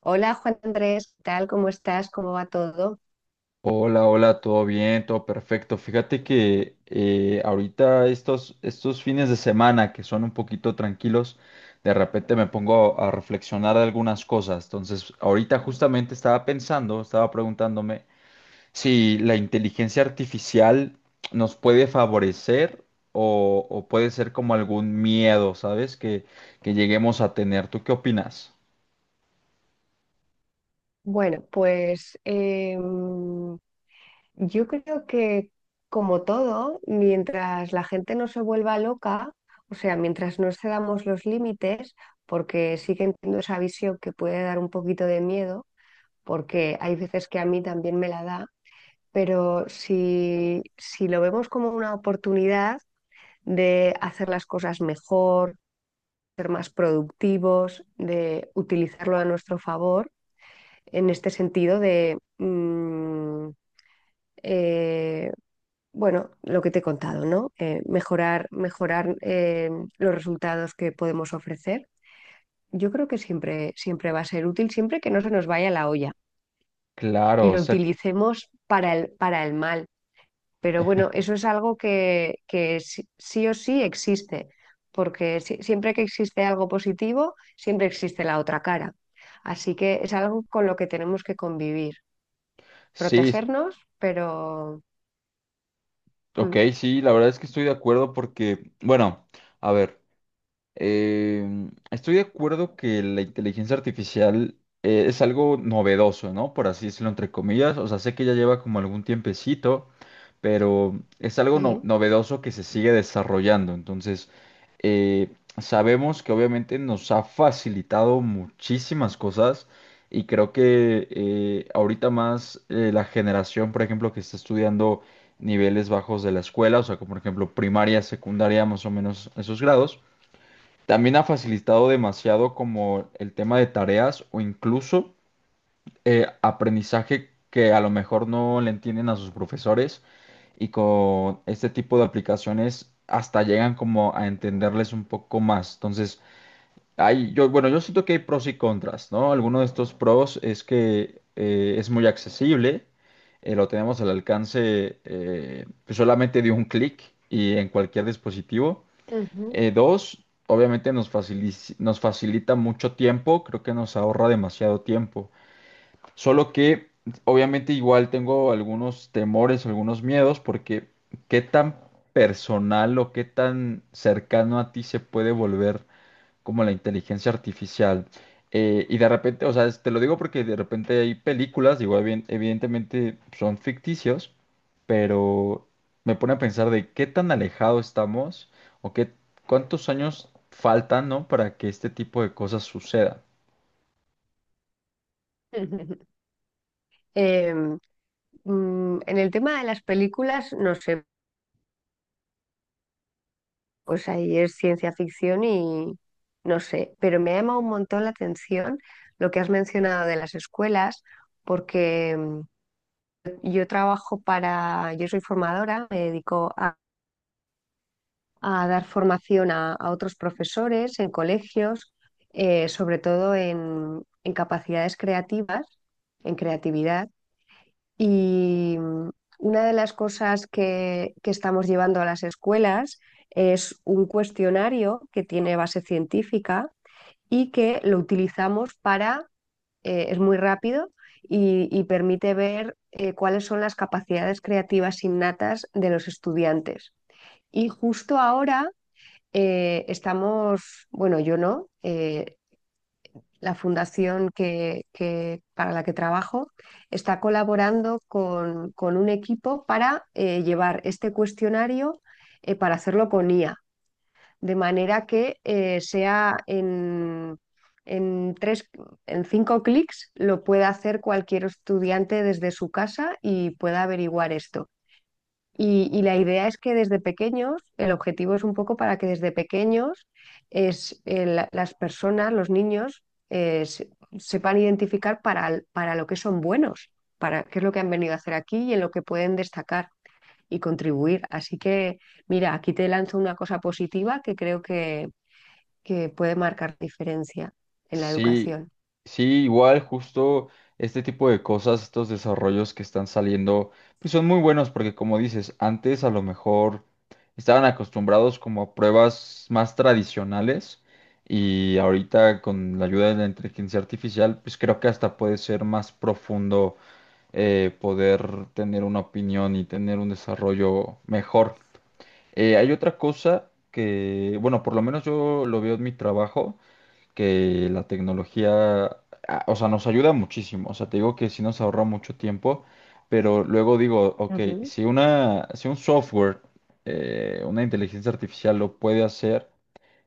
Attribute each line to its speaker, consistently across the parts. Speaker 1: Hola Juan Andrés, ¿qué tal? ¿Cómo estás? ¿Cómo va todo?
Speaker 2: Hola, hola, todo bien, todo perfecto. Fíjate que ahorita estos fines de semana que son un poquito tranquilos, de repente me pongo a reflexionar de algunas cosas. Entonces, ahorita justamente estaba pensando, estaba preguntándome si la inteligencia artificial nos puede favorecer o puede ser como algún miedo, ¿sabes? Que lleguemos a tener. ¿Tú qué opinas?
Speaker 1: Bueno, pues yo creo que como todo, mientras la gente no se vuelva loca, o sea, mientras no cedamos los límites, porque sí que entiendo esa visión que puede dar un poquito de miedo, porque hay veces que a mí también me la da, pero si lo vemos como una oportunidad de hacer las cosas mejor, ser más productivos, de utilizarlo a nuestro favor, en este sentido de, eh, bueno, lo que te he contado, ¿no? Mejorar, mejorar, los resultados que podemos ofrecer. Yo creo que siempre, siempre va a ser útil, siempre que no se nos vaya la olla
Speaker 2: Claro,
Speaker 1: y
Speaker 2: o
Speaker 1: lo
Speaker 2: sea,
Speaker 1: utilicemos para para el mal. Pero bueno, eso es algo que sí, sí o sí existe, porque siempre que existe algo positivo, siempre existe la otra cara. Así que es algo con lo que tenemos que convivir,
Speaker 2: sí.
Speaker 1: protegernos, pero
Speaker 2: Ok,
Speaker 1: mm,
Speaker 2: sí, la verdad es que estoy de acuerdo porque, bueno, a ver, estoy de acuerdo que la inteligencia artificial es algo novedoso, ¿no? Por así decirlo, entre comillas. O sea, sé que ya lleva como algún tiempecito, pero es algo
Speaker 1: Y...
Speaker 2: novedoso que se sigue desarrollando. Entonces, eh, sabemos que obviamente nos ha facilitado muchísimas cosas y creo que ahorita más la generación, por ejemplo, que está estudiando niveles bajos de la escuela, o sea, como por ejemplo primaria, secundaria, más o menos esos grados, también ha facilitado demasiado como el tema de tareas o incluso aprendizaje que a lo mejor no le entienden a sus profesores y con este tipo de aplicaciones hasta llegan como a entenderles un poco más. Entonces, hay, yo, bueno, yo siento que hay pros y contras, ¿no? Alguno de estos pros es que es muy accesible, lo tenemos al alcance pues solamente de un clic y en cualquier dispositivo.
Speaker 1: ujú.
Speaker 2: Dos, obviamente nos facilita mucho tiempo, creo que nos ahorra demasiado tiempo. Solo que obviamente igual tengo algunos temores, algunos miedos, porque qué tan personal o qué tan cercano a ti se puede volver como la inteligencia artificial. Y de repente, o sea, te lo digo porque de repente hay películas, digo, evidentemente son ficticios, pero me pone a pensar de qué tan alejado estamos o qué cuántos años faltan, ¿no? Para que este tipo de cosas sucedan.
Speaker 1: Em, en el tema de las películas, no sé, pues ahí es ciencia ficción y no sé, pero me ha llamado un montón la atención lo que has mencionado de las escuelas, porque yo trabajo para, yo soy formadora, me dedico a dar formación a otros profesores en colegios, sobre todo en capacidades creativas, en creatividad. Y una de las cosas que estamos llevando a las escuelas es un cuestionario que tiene base científica y que lo utilizamos para es muy rápido y permite ver cuáles son las capacidades creativas innatas de los estudiantes. Y justo ahora estamos, bueno, yo no, la fundación que, para la que trabajo está colaborando con un equipo para llevar este cuestionario para hacerlo con IA de manera que sea en, tres, en cinco clics lo pueda hacer cualquier estudiante desde su casa y pueda averiguar esto. Y la idea es que desde pequeños, el objetivo es un poco para que desde pequeños es, las personas, los niños, eh, se- sepan identificar para lo que son buenos, para qué es lo que han venido a hacer aquí y en lo que pueden destacar y contribuir. Así que, mira, aquí te lanzo una cosa positiva que creo que puede marcar diferencia en la
Speaker 2: Sí,
Speaker 1: educación.
Speaker 2: sí, igual justo este tipo de cosas, estos desarrollos que están saliendo, pues son muy buenos porque como dices, antes a lo mejor estaban acostumbrados como a pruebas más tradicionales y ahorita con la ayuda de la inteligencia artificial, pues creo que hasta puede ser más profundo, poder tener una opinión y tener un desarrollo mejor. Hay otra cosa que, bueno, por lo menos yo lo veo en mi trabajo que la tecnología, ah, o sea, nos ayuda muchísimo. O sea, te digo que sí nos ahorra mucho tiempo, pero luego digo, ok,
Speaker 1: Ujú.
Speaker 2: si un software, una inteligencia artificial lo puede hacer,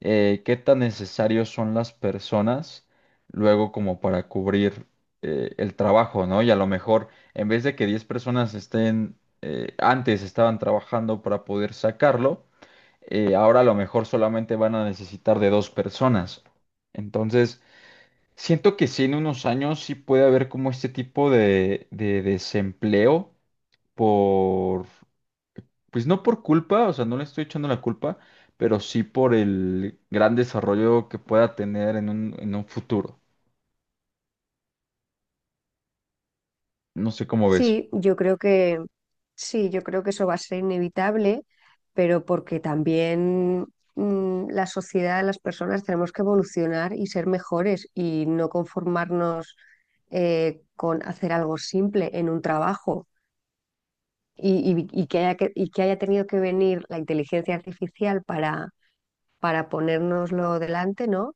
Speaker 2: ¿qué tan necesarios son las personas luego como para cubrir el trabajo, ¿no? Y a lo mejor, en vez de que 10 personas estén, antes estaban trabajando para poder sacarlo, ahora a lo mejor solamente van a necesitar de 2 personas. Entonces, siento que sí, en unos años sí puede haber como este tipo de desempleo por, pues no por culpa, o sea, no le estoy echando la culpa, pero sí por el gran desarrollo que pueda tener en en un futuro. No sé cómo ves.
Speaker 1: Sí, yo creo que sí, yo creo que eso va a ser inevitable, pero porque también la sociedad, las personas tenemos que evolucionar y ser mejores y no conformarnos con hacer algo simple en un trabajo y, y que y que haya tenido que venir la inteligencia artificial para ponérnoslo delante, ¿no?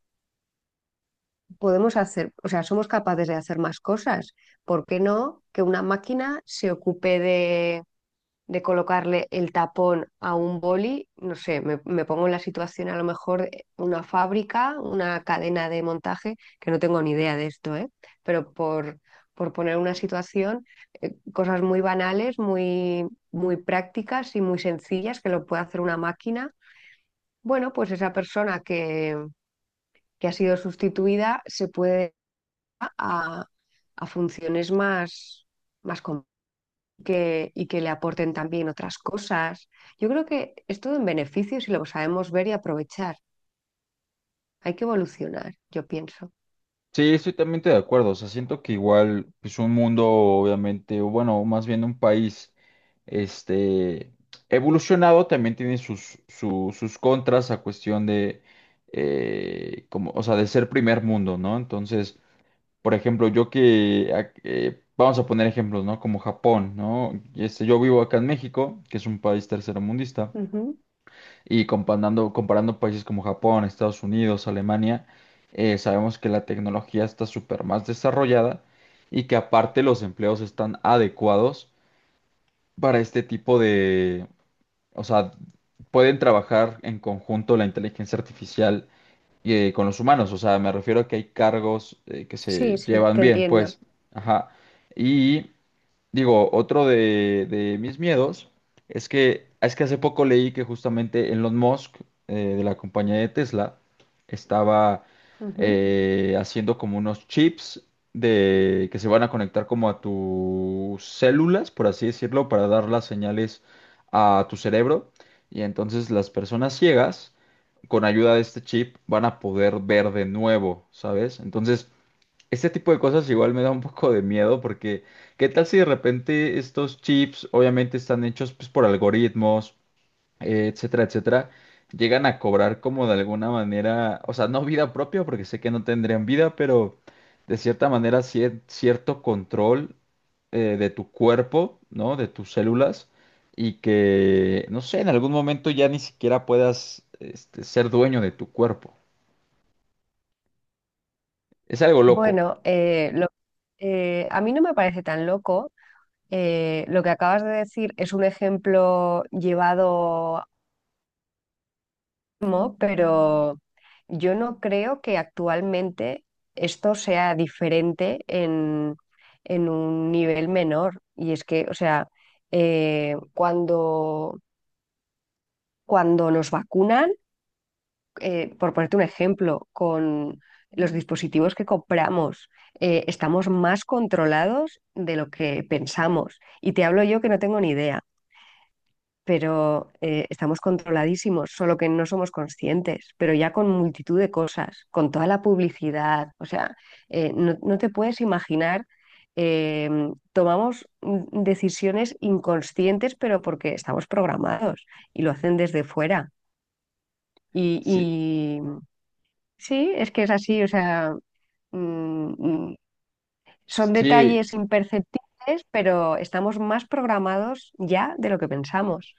Speaker 1: Podemos hacer, o sea, somos capaces de hacer más cosas. ¿Por qué no que una máquina se ocupe de colocarle el tapón a un boli? No sé, me pongo en la situación a lo mejor una fábrica, una cadena de montaje, que no tengo ni idea de esto, ¿eh? Pero por poner una situación, cosas muy banales, muy, muy prácticas y muy sencillas que lo puede hacer una máquina. Bueno, pues esa persona que ha sido sustituida se puede a, a funciones más, más com- que, y que le aporten también otras cosas. Yo creo que es todo en beneficio si lo sabemos ver y aprovechar. Hay que evolucionar, yo pienso.
Speaker 2: Sí, estoy totalmente de acuerdo. O sea, siento que igual, pues un mundo, obviamente, o bueno, más bien un país este, evolucionado también tiene sus, sus contras a cuestión de, como, o sea, de ser primer mundo, ¿no? Entonces, por ejemplo, yo que, vamos a poner ejemplos, ¿no? Como Japón, ¿no? Y este, yo vivo acá en México, que es un país tercermundista,
Speaker 1: Ujú.
Speaker 2: y comparando, comparando países como Japón, Estados Unidos, Alemania, sabemos que la tecnología está súper más desarrollada y que aparte los empleos están adecuados para este tipo, o sea, pueden trabajar en conjunto la inteligencia artificial con los humanos. O sea, me refiero a que hay cargos que se
Speaker 1: Sí, sí,
Speaker 2: llevan
Speaker 1: te
Speaker 2: bien,
Speaker 1: entiendo.
Speaker 2: pues. Ajá. Y digo, otro de mis miedos es que hace poco leí que justamente Elon Musk, de la compañía de Tesla, estaba
Speaker 1: Ujú.
Speaker 2: haciendo como unos chips de, que se van a conectar como a tus células, por así decirlo, para dar las señales a tu cerebro. Y entonces las personas ciegas, con ayuda de este chip, van a poder ver de nuevo, ¿sabes? Entonces... Este tipo de cosas igual me da un poco de miedo porque ¿qué tal si de repente estos chips obviamente están hechos pues, por algoritmos, etcétera, etcétera, llegan a cobrar como de alguna manera, o sea, no vida propia porque sé que no tendrían vida, pero de cierta manera cierto control de tu cuerpo, ¿no? De tus células y que, no sé, en algún momento ya ni siquiera puedas este, ser dueño de tu cuerpo. Es algo loco.
Speaker 1: Bueno, a mí no me parece tan loco. Lo que acabas de decir es un ejemplo llevado mismo, pero yo no creo que actualmente esto sea diferente en un nivel menor. Y es que, o sea, eh, cuando, cuando nos vacunan, por ponerte un ejemplo, con los dispositivos que compramos, estamos más controlados de lo que pensamos. Y te hablo yo que no tengo ni idea. Pero estamos controladísimos, solo que no somos conscientes, pero ya con multitud de cosas, con toda la publicidad, o sea, no te puedes imaginar, eh, tomamos decisiones inconscientes, pero porque estamos programados y lo hacen desde fuera.
Speaker 2: Sí,
Speaker 1: Y sí, es que es así, o sea, mm, mm, son
Speaker 2: sí,
Speaker 1: detalles imperceptibles, pero estamos más programados ya de lo que pensamos.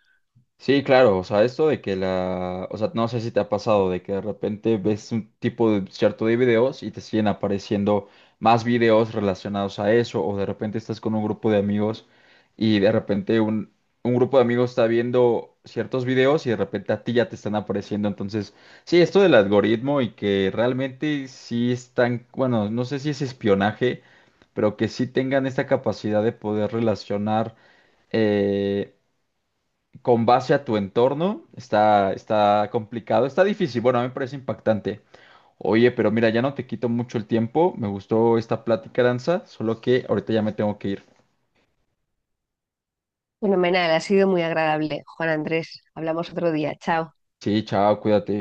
Speaker 2: sí, claro, o sea, esto de que la, o sea, no sé si te ha pasado de que de repente ves un tipo de cierto de videos y te siguen apareciendo más videos relacionados a eso, o de repente estás con un grupo de amigos y de repente un grupo de amigos está viendo ciertos videos y de repente a ti ya te están apareciendo. Entonces, sí, esto del algoritmo y que realmente sí están, bueno, no sé si es espionaje, pero que sí tengan esta capacidad de poder relacionar, eh, con base a tu entorno, está, está complicado, está difícil. Bueno, a mí me parece impactante. Oye, pero mira, ya no te quito mucho el tiempo. Me gustó esta plática, Danza, solo que ahorita ya me tengo que ir.
Speaker 1: Fenomenal, ha sido muy agradable. Juan Andrés, hablamos otro día. Chao.
Speaker 2: Sí, chao, cuídate.